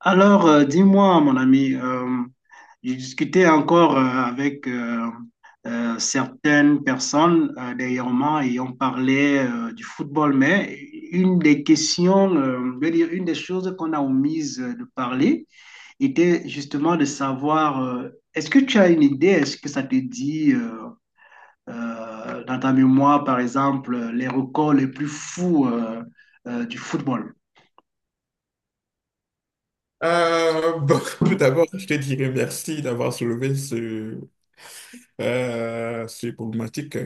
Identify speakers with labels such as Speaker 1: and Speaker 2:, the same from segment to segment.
Speaker 1: Alors, dis-moi, mon ami. J'ai discuté encore avec certaines personnes dernièrement, et on parlait du football. Mais une des questions, je veux dire, une des choses qu'on a omises de parler, était justement de savoir, est-ce que tu as une idée, est-ce que ça te dit dans ta mémoire, par exemple, les records les plus fous du football?
Speaker 2: Bon, tout d'abord, je te dirais merci d'avoir soulevé ce problématique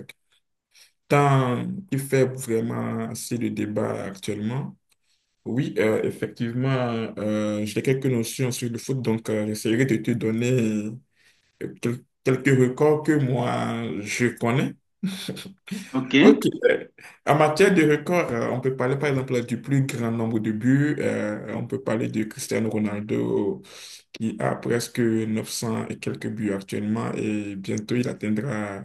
Speaker 2: tant il fait vraiment assez de débat actuellement. Oui, effectivement, j'ai quelques notions sur le foot, donc j'essaierai de te donner quelques records que moi je connais.
Speaker 1: OK?
Speaker 2: Ok. euh, En matière de records, on peut parler par exemple du plus grand nombre de buts. On peut parler de Cristiano Ronaldo qui a presque 900 et quelques buts actuellement et bientôt il atteindra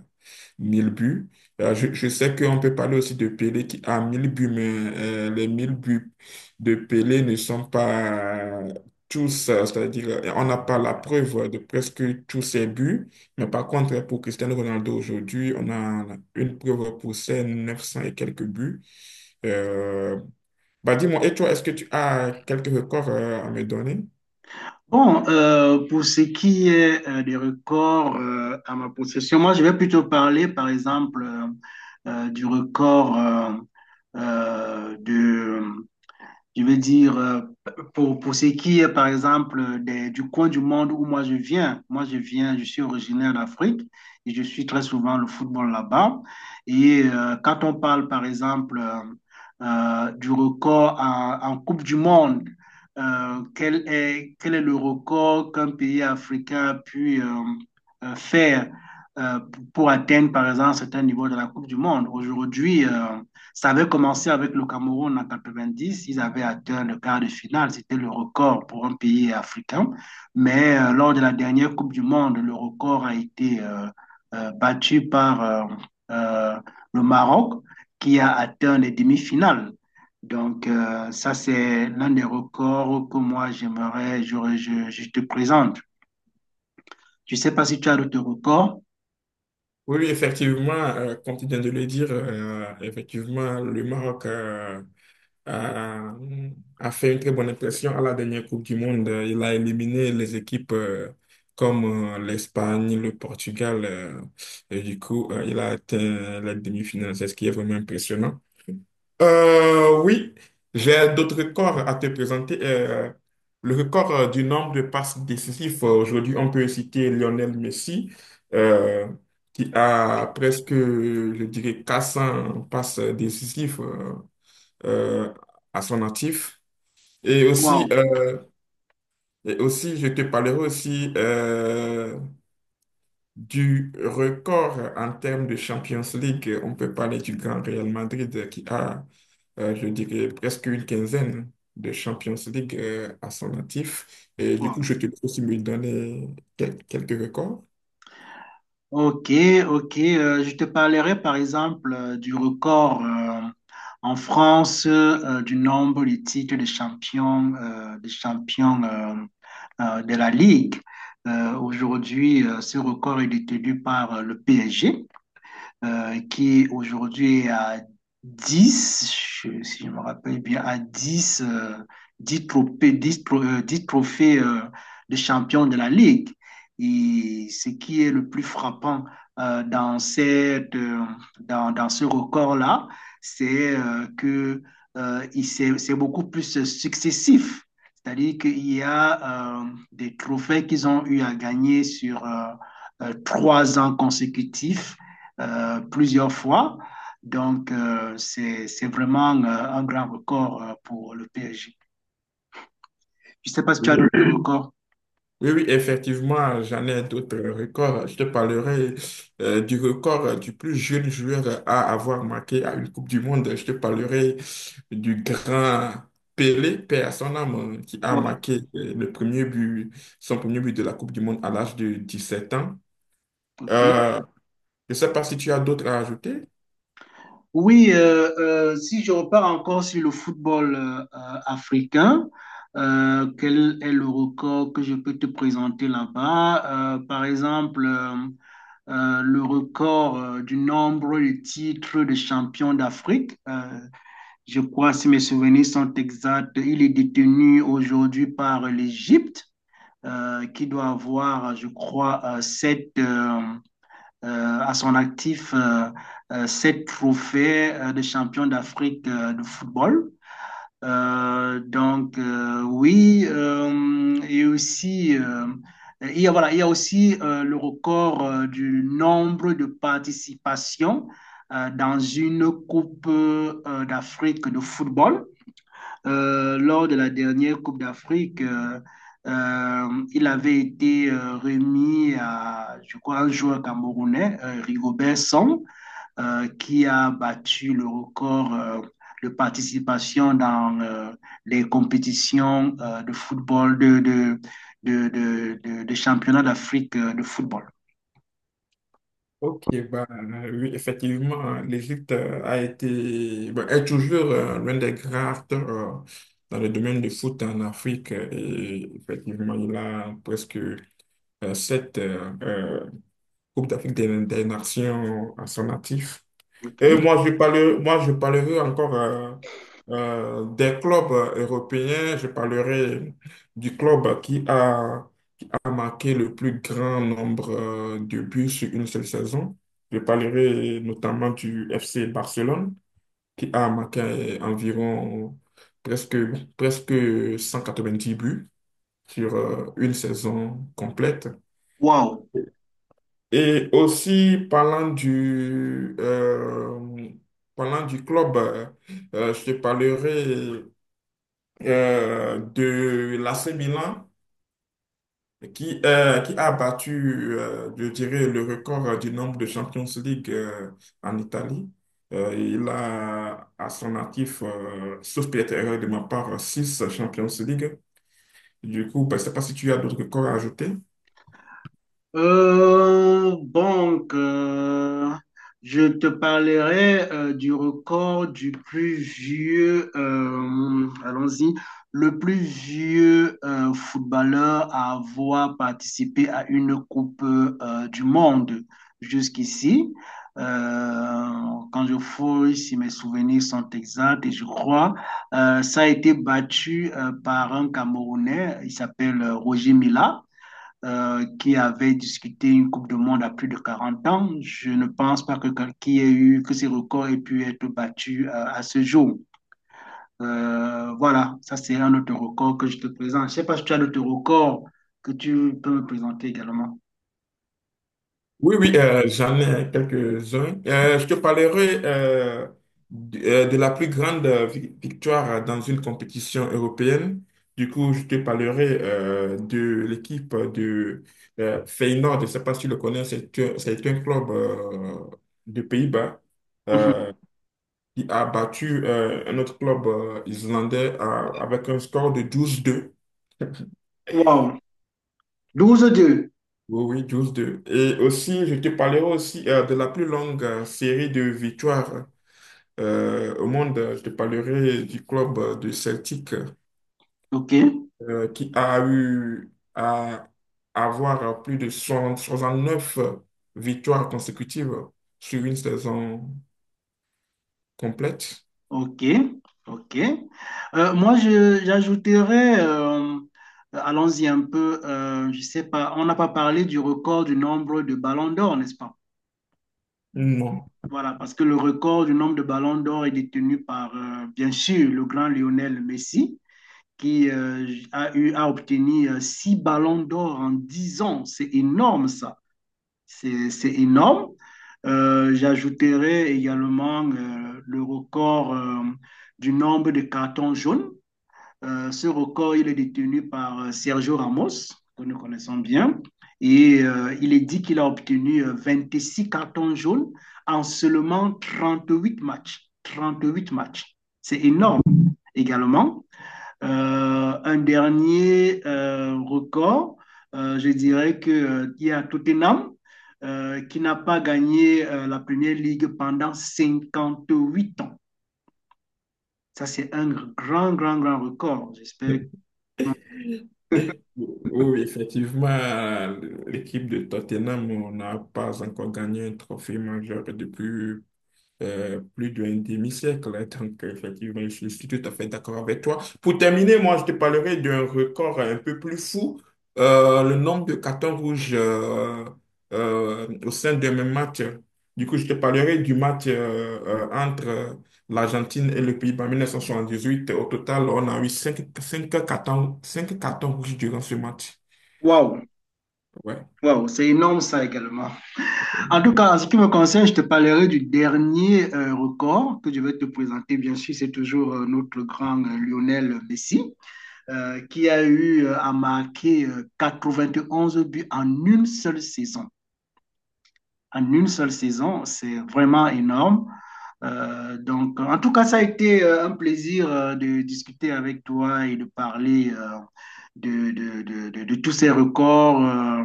Speaker 2: 1000 buts. Je sais qu'on peut parler aussi de Pelé qui a 1000 buts, mais les 1000 buts de Pelé ne sont pas tous, c'est-à-dire on n'a pas la preuve de presque tous ses buts, mais par contre pour Cristiano Ronaldo aujourd'hui, on a une preuve pour ses 900 et quelques buts. Euh, bah dis-moi, et toi, est-ce que tu as quelques records à me donner?
Speaker 1: Bon, pour ce qui est des records à ma possession, moi, je vais plutôt parler, par exemple, du record, euh, je veux dire, pour ce qui est, par exemple, du coin du monde où moi je viens. Je suis originaire d'Afrique et je suis très souvent le football là-bas. Et quand on parle, par exemple, du record en Coupe du Monde, quel est le record qu'un pays africain a pu faire euh, pour atteindre, par exemple, certains niveaux de la Coupe du Monde? Aujourd'hui, ça avait commencé avec le Cameroun en 90. Ils avaient atteint le quart de finale. C'était le record pour un pays africain. Mais lors de la dernière Coupe du Monde, le record a été battu par euh, le Maroc, qui a atteint les demi-finales. Donc, ça, c'est l'un des records que moi, j'aimerais, je te présente. Je ne sais pas si tu as d'autres records.
Speaker 2: Oui, oui, effectivement, comme tu viens de le dire, effectivement, le Maroc a, a fait une très bonne impression à la dernière Coupe du Monde. Il a éliminé les équipes comme l'Espagne, le Portugal. Et du coup, il a atteint la demi-finale. C'est ce qui est vraiment impressionnant. Oui, j'ai d'autres records à te présenter. Le record du nombre de passes décisives, aujourd'hui, on peut citer Lionel Messi, euh, qui a presque, je dirais, 400 passes décisives euh, à son actif. Et aussi,
Speaker 1: Wow,
Speaker 2: euh, et aussi, je te parlerai aussi du record en termes de Champions League. On peut parler du grand Real Madrid qui a je dirais presque une quinzaine de Champions League à son actif. Et du coup,
Speaker 1: wow.
Speaker 2: je te laisse aussi me donner quelques records.
Speaker 1: Ok, ok. Je te parlerai par exemple du record en France du nombre de titres de champion, de la Ligue. Aujourd'hui, ce record est détenu par le PSG, qui aujourd'hui est aujourd'hui à dix, si je me rappelle bien, à dix, 10 trophées, 10 trophées de champion de la Ligue. Et ce qui est le plus frappant dans dans ce record-là, c'est c'est beaucoup plus successif. C'est-à-dire qu'il y a des trophées qu'ils ont eu à gagner sur 3 ans consécutifs, plusieurs fois. Donc, c'est vraiment un grand record pour le PSG. Je ne sais pas si tu as d'autres
Speaker 2: Oui,
Speaker 1: records.
Speaker 2: oui, effectivement, j'en ai d'autres records. Je te parlerai du record du plus jeune joueur à avoir marqué à une Coupe du Monde. Je te parlerai du grand Pelé, paix à son âme, qui a
Speaker 1: Ouais,
Speaker 2: marqué le premier but, son premier but de la Coupe du Monde à l'âge de 17 ans.
Speaker 1: ok.
Speaker 2: Euh, je ne sais pas si tu as d'autres à ajouter.
Speaker 1: Oui, si je repars encore sur le football africain, quel est le record que je peux te présenter là-bas? Par exemple, le record du nombre de titres de champion d'Afrique. Je crois, si mes souvenirs sont exacts, il est détenu aujourd'hui par l'Égypte, qui doit avoir, je crois, sept, à son actif, sept trophées de champion d'Afrique, de football. Donc, oui, et aussi, voilà, il y a aussi le record du nombre de participations dans une Coupe d'Afrique de football. Lors de la dernière Coupe d'Afrique, il avait été remis à, je crois, un joueur camerounais, Rigobert Song, qui a battu le record de participation dans les compétitions de football, de championnat d'Afrique de football.
Speaker 2: Ok, bah, oui, effectivement, l'Égypte a été, bah, est toujours l'un des grands acteurs dans le domaine du foot en Afrique. Et effectivement, il a presque 7 Coupes d'Afrique des Nations à son actif.
Speaker 1: Ok.
Speaker 2: Moi, je parlerai encore des clubs européens. Je parlerai du club qui a marqué le plus grand nombre de buts sur une seule saison. Je parlerai notamment du FC Barcelone, qui a marqué environ presque, presque 190 buts sur une saison complète.
Speaker 1: Wow.
Speaker 2: Et aussi, parlant du, euh, Parlant du club, je te parlerai de l'AC Milan qui a battu, je dirais, le record du nombre de Champions League en Italie. Il a à son actif, sauf peut-être erreur de ma part, 6 Champions League. Du coup, ben, je ne sais pas si tu as d'autres records à ajouter.
Speaker 1: Donc, je te parlerai du record allons-y, le plus vieux footballeur à avoir participé à une Coupe du Monde jusqu'ici. Euh, Quand je fouille, si mes souvenirs sont exacts, et je crois, ça a été battu par un Camerounais. Il s'appelle Roger Mila, qui avait discuté une Coupe du Monde à plus de 40 ans. Je ne pense pas que que ces records aient pu être battus à ce jour. Voilà, ça c'est un autre record que je te présente. Je ne sais pas si tu as d'autres records que tu peux me présenter également.
Speaker 2: Oui, J'en ai quelques-uns. Je te parlerai de la plus grande victoire dans une compétition européenne. Du coup, je te parlerai de l'équipe de Feyenoord. Je ne sais pas si tu le connais, c'est un club de Pays-Bas
Speaker 1: Mhm.
Speaker 2: euh, qui a battu un autre club islandais avec un score de 12-2.
Speaker 1: Wow, 12-2.
Speaker 2: Oui, oui, 12-2. Et aussi, je te parlerai aussi de la plus longue série de victoires au monde, je te parlerai du club de Celtic
Speaker 1: OK,
Speaker 2: qui a eu à avoir plus de 69 victoires consécutives sur une saison complète.
Speaker 1: OK, OK. Moi, j'ajouterais, allons-y un peu, je ne sais pas, on n'a pas parlé du record du nombre de ballons d'or, n'est-ce pas?
Speaker 2: Non.
Speaker 1: Voilà, parce que le record du nombre de ballons d'or est détenu par, bien sûr, le grand Lionel Messi, qui a eu à obtenir six ballons d'or en 10 ans. C'est énorme, ça. C'est énorme. J'ajouterai également le record du nombre de cartons jaunes. Ce record, il est détenu par Sergio Ramos, que nous connaissons bien. Et il est dit qu'il a obtenu 26 cartons jaunes en seulement 38 matchs. 38 matchs. C'est énorme également. Un dernier record, je dirais que, il y a Tottenham qui n'a pas gagné la Première Ligue pendant 58 ans. Ça, c'est un grand, grand, grand record. J'espère. Que...
Speaker 2: Oui, effectivement, l'équipe de Tottenham n'a pas encore gagné un trophée majeur depuis plus d'un demi-siècle, hein. Donc, effectivement, je suis tout à fait d'accord avec toi. Pour terminer, moi, je te parlerai d'un record un peu plus fou, le nombre de cartons rouges au sein d'un même match. Du coup, je te parlerai du match entre l'Argentine et le Pays-Bas en 1978. Au total, on a eu 5 5 cartons rouges durant ce match.
Speaker 1: Waouh!
Speaker 2: Ouais.
Speaker 1: Waouh, c'est énorme ça également. En tout cas, en ce qui me concerne, je te parlerai du dernier record que je vais te présenter. Bien sûr, c'est toujours notre grand Lionel Messi, qui a eu à marquer 11 buts en une seule saison, en une seule saison. C'est vraiment énorme. Donc, en tout cas, ça a été un plaisir de discuter avec toi et de parler, de tous ces records, euh,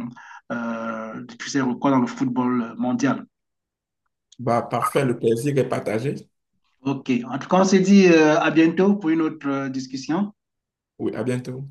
Speaker 1: euh, de tous ces records dans le football mondial.
Speaker 2: Bah, parfait, le plaisir est partagé.
Speaker 1: OK. En tout cas, on se dit à bientôt pour une autre discussion.
Speaker 2: Oui, à bientôt.